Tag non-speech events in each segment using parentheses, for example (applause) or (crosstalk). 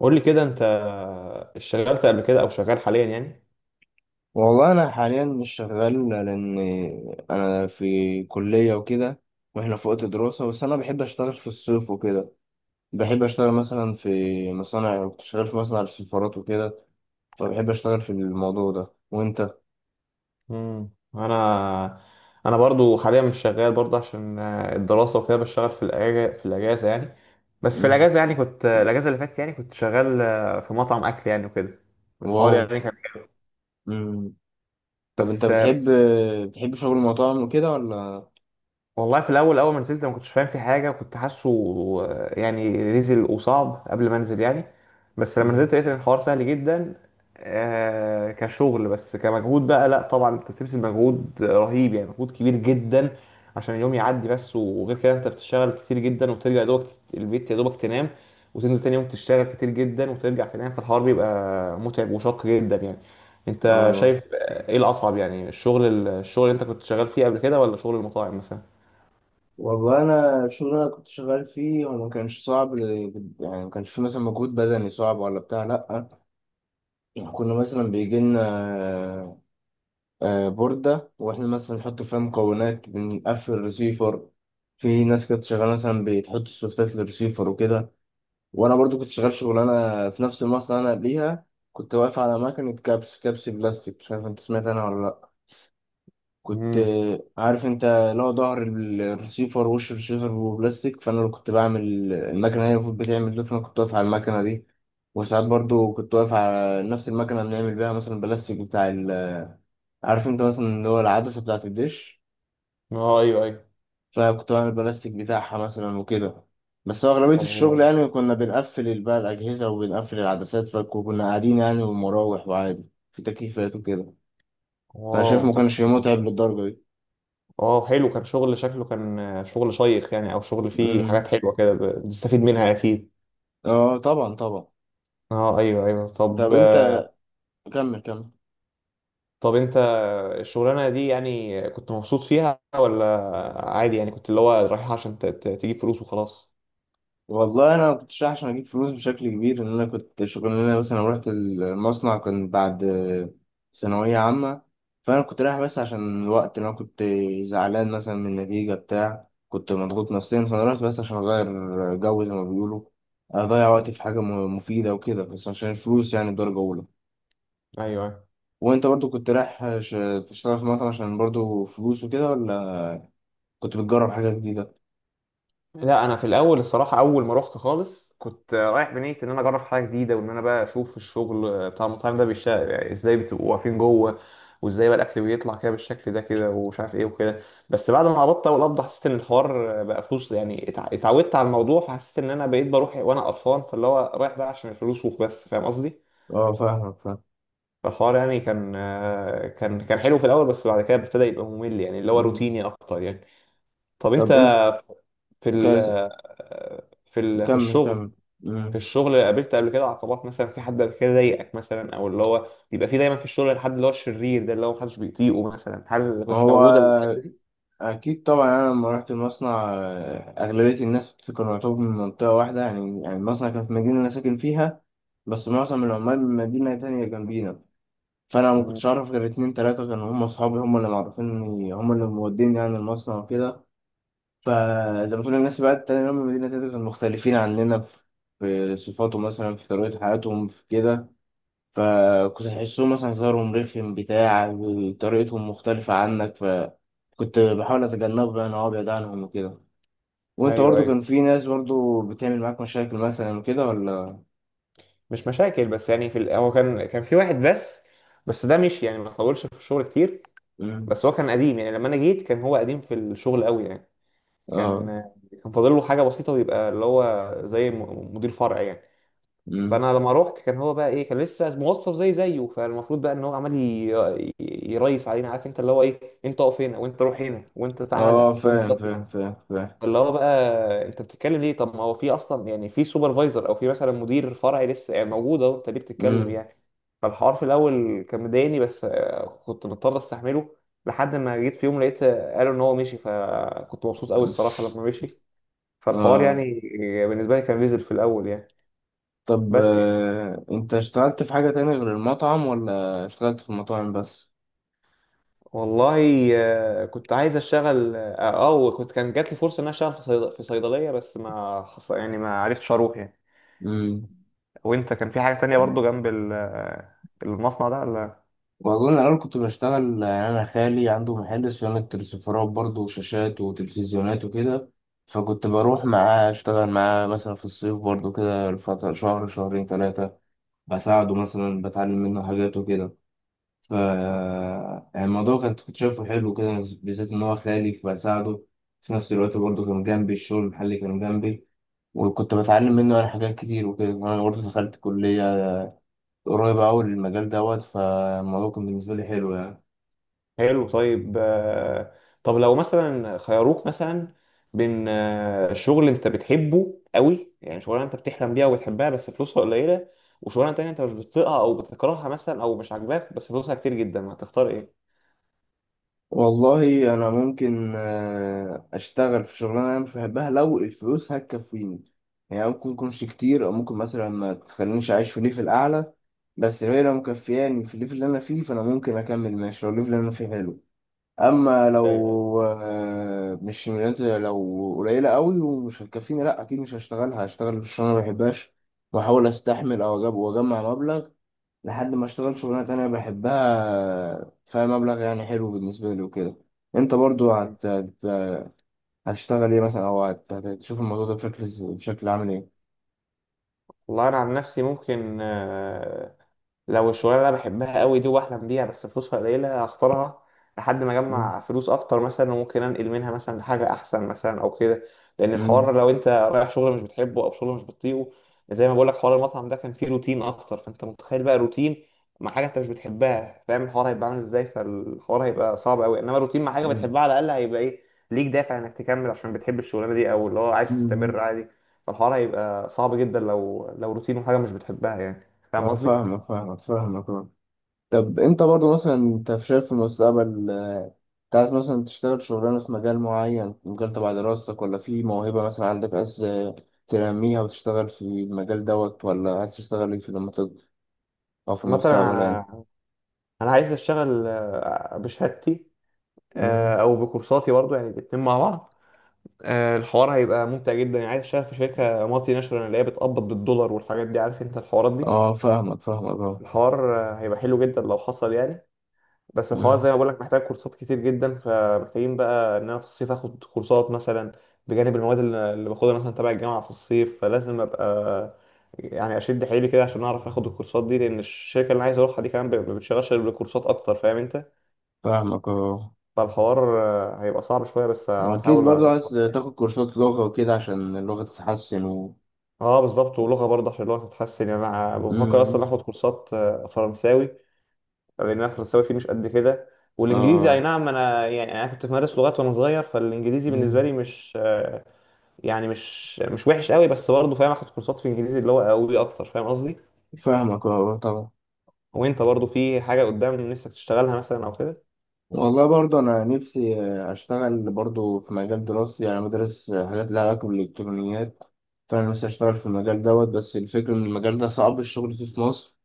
قول لي كده انت اشتغلت قبل كده او شغال حاليا يعني؟ والله انا حاليا مش شغال، لان انا في كليه وكده، واحنا في وقت دراسه. بس انا بحب اشتغل في الصيف وكده. بحب اشتغل مثلا في مصانع. كنت شغال في مصنع السفارات وكده، فبحب اشتغل في الموضوع ده. وانت؟ امم انا انا برضو حاليا مش شغال برضو عشان الدراسه وكده. بشتغل في الاجازه يعني. بس في مم. الاجازه يعني كنت آه، الاجازه اللي فاتت يعني كنت شغال في مطعم اكل يعني وكده. الحوار واو. يعني كان مم. طب انت بس بتحب بس بتحب شغل المطاعم وكده ولا؟ والله في الاول اول ما نزلت ما كنتش فاهم في حاجه، كنت حاسه يعني ريزل وصعب قبل ما انزل يعني. بس لما مم. نزلت لقيت ان الحوار سهل جدا. كشغل، بس كمجهود بقى لا، طبعا انت بتبذل مجهود رهيب يعني، مجهود كبير جدا عشان اليوم يعدي بس. وغير كده انت بتشتغل كتير جدا وترجع يا دوبك البيت، يا دوبك تنام، وتنزل تاني يوم تشتغل كتير جدا وترجع تنام. فالحوار بيبقى متعب وشاق جدا يعني. انت اه. شايف ايه الاصعب يعني، الشغل اللي انت كنت شغال فيه قبل كده، ولا شغل المطاعم مثلا؟ والله انا الشغل اللي انا كنت شغال فيه هو ما كانش صعب، يعني ما كانش فيه مثلا مجهود بدني صعب ولا بتاع، لا. يعني كنا مثلا بيجي لنا بوردة، واحنا مثلا نحط فيها مكونات، بنقفل الريسيفر. في ناس كانت شغالة مثلا بتحط السوفتات للريسيفر وكده، وأنا برضو كنت شغال شغلانة في نفس المصنع أنا قبليها. كنت واقف على مكنة كبس، كبس بلاستيك. مش عارف أنت سمعت عنها ولا لأ؟ كنت امم عارف أنت لو ظهر الريسيفر، وش الريسيفر هو بلاستيك، فأنا اللي كنت بعمل. المكنة هي المفروض بتعمل ده، فأنا كنت واقف على المكنة دي. وساعات برضو كنت واقف على نفس المكنة بنعمل بيها مثلا البلاستيك بتاع ال، عارف انت مثلا اللي هو العدسة بتاعة الدش. اه، ايوه ايوه. فكنت بعمل بلاستيك بتاعها مثلا وكده. بس هو أغلبية الشغل الله. يعني كنا بنقفل بقى الأجهزة وبنقفل العدسات، فكنا قاعدين يعني ومراوح وعادي، في تكييفات وكده. فأنا واو، شايف ما طب. كانش متعب للدرجة دي. اه، حلو، كان شغل شكله كان شغل شيق يعني، او شغل فيه امم. حاجات حلوه كده بتستفيد منها اكيد. اه طبعا طبعا. اه، ايوه ايوه، طب طب انت، كمل كمل. طب انت الشغلانه دي يعني كنت مبسوط فيها، ولا عادي يعني كنت اللي هو رايح عشان تجيب فلوس وخلاص؟ والله انا ما كنتش عشان اجيب فلوس بشكل كبير، ان انا كنت شغلانه مثلا رحت المصنع كان بعد ثانويه عامه. فانا كنت رايح بس عشان الوقت، انا كنت زعلان مثلا من النتيجه بتاع، كنت مضغوط نفسيا، فانا رحت بس عشان اغير جو زي ما بيقولوا، اضيع مم. وقتي في حاجه مفيده وكده، بس عشان الفلوس يعني درجه اولى. ايوه، أيوة. وانت برضو كنت رايح تشتغل في مطعم عشان برضو فلوس وكده، ولا كنت بتجرب حاجه جديده؟ لا، انا في الاول الصراحه اول ما رحت خالص كنت رايح بنيه ان انا اجرب حاجه جديده، وان انا بقى اشوف الشغل بتاع المطاعم ده بيشتغل يعني ازاي، بتبقوا واقفين جوه، وازاي بقى الاكل بيطلع كده بالشكل ده كده، ومش عارف ايه وكده. بس بعد ما قبضت اول قبضه حسيت ان الحوار بقى فلوس يعني، اتعودت على الموضوع. فحسيت ان انا بقيت بروح وانا قرفان، فاللي هو رايح بقى عشان الفلوس وبس، فاهم قصدي؟ اه فاهمك فاهم. فالحوار يعني كان، كان حلو في الاول، بس بعد كده ابتدى يبقى ممل يعني اللي هو مم. روتيني اكتر يعني. طب انت طب انت في ال كاز- في كمل الشغل، كمل. قابلت قبل كده عقبات مثلا، في حد قبل كده ضايقك مثلا، او اللي هو بيبقى في دايما في الشغل، الحد اللي هو الشرير ده اللي هو محدش بيطيقه مثلا، هل كنت موجوده؟ هو أكيد طبعا. يعني أنا لما رحت المصنع أغلبية الناس كانوا يعتبروا من منطقة واحدة. يعني المصنع كان في مدينة أنا ساكن فيها، بس معظم العمال من مدينة تانية جنبينا. فأنا ما مم. كنتش أعرف غير اتنين تلاتة كانوا هم أصحابي، هم اللي معرفيني، هم اللي موديني يعني المصنع وكده. فزي ما تقول الناس بقى التانية اللي هم من مدينة تانية كانوا مختلفين عننا في صفاتهم، مثلا في طريقة حياتهم، في كده. فكنت تحسهم مثلا هزارهم رخم بتاع، طريقتهم مختلفة عنك، فكنت بحاول أتجنبه يعني أو أبعد عنهم وكده. وأنت ايوه برضو ايوه. كان في ناس برضو بتعمل معاك مشاكل مثلا وكده ولا؟ مش مشاكل، بس يعني هو كان في واحد بس، بس ده مشي يعني، ما طولش في الشغل كتير. مم. بس هو كان قديم يعني، لما انا جيت كان هو قديم في الشغل قوي يعني. آه. كان كان فاضل له حاجه بسيطه ويبقى اللي هو زي مدير فرع يعني. مم. فانا لما روحت كان هو بقى ايه، كان لسه موظف زي زيه. فالمفروض بقى ان هو عمال يريس علينا، عارف انت، اللي هو ايه، انت اقف هنا وانت روح هنا وانت تعالى آه وانت فاهم اطلع، فاهم فاهم فاهم. اللي هو بقى انت بتتكلم ليه؟ طب ما هو في اصلا يعني في سوبرفايزر او في مثلا مدير فرعي لسه يعني موجود اهو، انت ليه بتتكلم مم. يعني؟ فالحوار في الاول كان مضايقني، بس كنت مضطر استحمله. لحد ما جيت في يوم لقيت قالوا ان هو مشي، فكنت مبسوط (laughs) قوي مم. الصراحه لما مشي. فالحوار آه. يعني بالنسبه لي كان نزل في الاول يعني. طب بس أنت اشتغلت في حاجة تانية غير المطعم ولا اشتغلت في المطاعم بس؟ والله كنت عايز اشتغل كان جات لي فرصه ان انا اشتغل في صيدليه، بس ما حص... يعني ما عرفتش اروح يعني. مم. وانت كان في حاجه تانية برضو جنب المصنع ده ولا؟ والله أنا الأول كنت بشتغل، يعني أنا خالي عنده محل صيانة تلسفرات برضه وشاشات وتلفزيونات وكده. فكنت بروح معاه أشتغل معاه مثلا في الصيف برضه كده لفترة شهر شهرين تلاتة، بساعده مثلا بتعلم منه حاجات وكده. ف، آه. يعني الموضوع كنت شايفه حلو كده، بالذات إن هو خالي فبساعده. في نفس الوقت برضه كان جنبي الشغل، المحل كان جنبي، وكنت بتعلم منه أنا حاجات كتير وكده، وأنا برضه دخلت كلية قريبة أوي للمجال دوت. فالموضوع كان بالنسبة لي حلو يعني. حلو، طيب طب لو مثلا خيروك مثلا بين شغل انت بتحبه قوي يعني شغلانه انت بتحلم بيها وبتحبها بس فلوسها قليله، وشغلانه تانية انت مش بتطيقها او بتكرهها مثلا او مش عاجباك بس فلوسها كتير جدا، هتختار ايه؟ والله انا ممكن اشتغل في شغلانه انا مش بحبها لو الفلوس هتكفيني. يعني ممكن تكونش كتير او ممكن مثلا ما تخلينيش اعيش في ليفل اعلى، بس لو هي لو مكفياني في الليفل اللي انا فيه فانا ممكن اكمل ماشي لو الليفل اللي انا فيه حلو. اما ايوه ايوه. لو مش لو قليله قوي ومش هتكفيني، لا اكيد مش هشتغلها، هشتغل في الشغلانه ما بحبهاش، واحاول استحمل او اجيب واجمع مبلغ لحد ما اشتغل شغلانة تانية بحبها فيها مبلغ يعني حلو بالنسبة لي وكده. انت برضو هتشتغل ايه مثلا، او هتشوف الموضوع ده بشكل بشكل عامل ايه؟ والله انا عن نفسي ممكن لو الشغلانه اللي انا بحبها قوي دي واحلم بيها بس فلوسها قليله هختارها لحد ما مم. اجمع فلوس اكتر مثلا، وممكن انقل منها مثلا لحاجه احسن مثلا او كده. لان الحوار مم. لو انت رايح شغل مش بتحبه او شغل مش بتطيقه، زي ما بقول لك حوار المطعم ده كان فيه روتين اكتر، فانت متخيل بقى روتين مع حاجه انت مش بتحبها، فاهم الحوار هيبقى عامل ازاي؟ فالحوار هيبقى صعب قوي. انما روتين مع حاجه مم. بتحبها على الاقل هيبقى ايه، ليك دافع انك تكمل عشان بتحب الشغلانه دي، او اللي هو عايز تستمر مم. عادي. فالحوار هيبقى صعب جدا لو لو روتين وحاجه مش بتحبها يعني، فاهم اه قصدي؟ فاهمك فاهمك فاهمك آه. طب انت برضو مثلا انت شايف في المستقبل، انت عايز مثلا تشتغل شغلانة في مجال معين، في مجال تبع دراستك، ولا في موهبة مثلا عندك عايز تنميها وتشتغل في المجال دوت، ولا عايز تشتغل ايه في لما تكبر او في مثلا المستقبل؟ أنا عايز اشتغل بشهادتي، يعني. او بكورساتي برضو يعني الاتنين مع بعض. الحوار هيبقى ممتع جدا يعني، عايز اشتغل في شركه مالتي ناشونال اللي هي بتقبض بالدولار والحاجات دي، عارف انت الحوارات دي. اه فاهمك فاهمك اه. الحوار هيبقى حلو جدا لو حصل يعني. بس الحوار مم. زي ما بقول لك محتاج كورسات كتير جدا، فمحتاجين بقى ان انا في الصيف اخد كورسات مثلا بجانب المواد اللي باخدها مثلا تبع الجامعه في الصيف، فلازم ابقى يعني اشد حيلي كده عشان اعرف اخد الكورسات دي، لان الشركه اللي انا عايز اروحها دي كمان ما بتشغلش غير بالكورسات اكتر، فاهم انت؟ فاهمك اه. فالحوار هيبقى صعب شوية بس واكيد هحاول برضو أظبطه عايز يعني. تاخد كورسات لغة وكده عشان اللغة تتحسن و... اه، بالظبط، ولغة برضه عشان اللغة تتحسن يعني. انا بفكر مم. اصلا اخد كورسات فرنساوي، لان انا فرنساوي فيه مش قد كده. والانجليزي اي اه. نعم، انا يعني انا كنت بمارس لغات وانا صغير، فالانجليزي بالنسبة لي مم. مش آه، يعني مش وحش قوي، بس برضه فاهم اخد كورسات في انجليزي اللي هو قوي اكتر، فاهم قصدي؟ فاهمك اه اه، طبعا. وانت برضه في حاجة قدام نفسك تشتغلها مثلا او كده؟ والله برضو انا نفسي اشتغل برضو في مجال دراستي. يعني أنا بدرس حاجات لها علاقة بالالكترونيات، فانا نفسي اشتغل في المجال دوت. بس الفكرة ان المجال ده صعب الشغل فيه في مصر،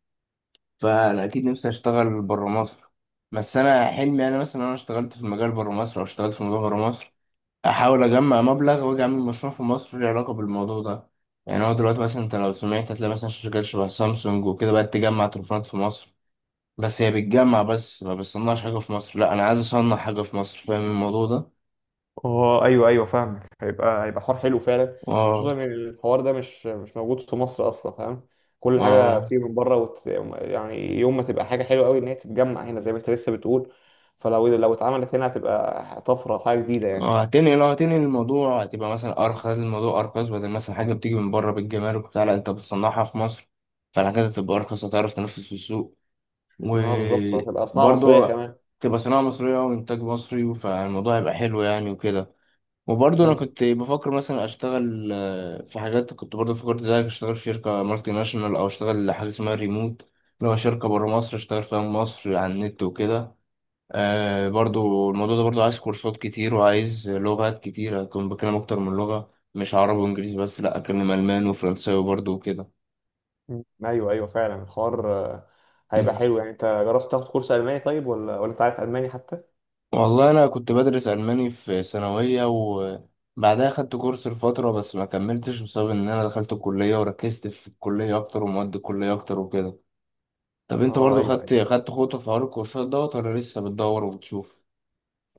فانا اكيد نفسي اشتغل برا مصر. بس انا حلمي انا مثلا انا اشتغلت في المجال برا مصر او اشتغلت في مجال برا مصر، احاول اجمع مبلغ واجي اعمل مشروع في مصر له علاقه بالموضوع ده. يعني هو دلوقتي مثلا انت لو سمعت هتلاقي مثلا شركات شبه سامسونج وكده بقت تجمع تليفونات في مصر، بس هي بتجمع بس ما بتصنعش حاجه في مصر، لا انا عايز اصنع حاجه في مصر. فاهم الموضوع ده؟ اه، ايوه ايوه، فاهمك، هيبقى هيبق حوار حلو فعلا، اه. خصوصا ان الحوار ده مش موجود في مصر اصلا، فاهم؟ كل حاجه اه بتيجي من بره يعني يوم ما تبقى حاجه حلوه قوي ان هي تتجمع هنا زي ما انت لسه بتقول. فلو لو اتعملت هنا هتبقى طفره، حاجه جديده يعني. اه هتنقل، لو هتنقل الموضوع هتبقى مثلا ارخص، اه. الموضوع ارخص بدل مثلا حاجه بتيجي من بره بالجمارك وبتاع، لا انت بتصنعها في مصر، فالحاجات هتبقى ارخص، هتعرف تنافس في السوق بالظبط، هتبقى صناعه مصريه وبرضه كمان. تبقى صناعة مصرية وإنتاج مصري، فالموضوع هيبقى حلو يعني وكده. وبرضه أنا مم. كنت بفكر مثلا أشتغل في حاجات. كنت برضه فكرت زيك أشتغل في شركة مالتي ناشونال، أو أشتغل حاجة اسمها ريموت، اللي هو شركة برا مصر أشتغل فيها من مصر على النت وكده. آه برضه الموضوع ده برضه عايز كورسات كتير وعايز لغات كتير، أكون بكلم أكتر من لغة، مش عربي وإنجليزي بس، لأ أكلم ألماني وفرنساوي برضه وكده. مم. ايوه ايوه، فعلا الحوار هيبقى حلو يعني. انت جربت تاخد كورس الماني طيب، ولا انت عارف الماني حتى؟ والله أنا كنت بدرس ألماني في ثانوية وبعدها خدت كورس لفترة، بس ما كملتش بسبب إن أنا دخلت الكلية وركزت في الكلية أكتر ومواد الكلية أكتر وكده. طب أنت اه، برضو ايوه. خدت خطوة في حوار الكورسات دوت ولا لسه بتدور وبتشوف؟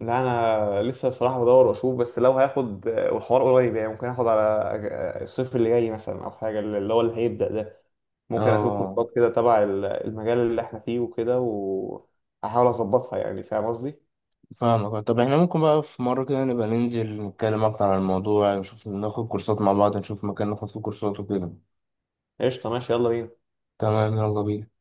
لا، انا لسه الصراحه بدور واشوف، بس لو هاخد والحوار قريب يعني، ممكن اخد على الصيف اللي جاي مثلا، او حاجه اللي هو اللي هيبدا ده. ممكن اشوف اه كورسات كده تبع المجال اللي احنا فيه وكده، واحاول اظبطها يعني، فاهم قصدي؟ فاهمك. طب احنا ممكن بقى في مرة كده نبقى ننزل نتكلم أكتر عن الموضوع، نشوف ناخد كورسات مع بعض، نشوف مكان ناخد فيه كورسات وكده. قشطه، ماشي، يلا بينا. تمام يلا بينا.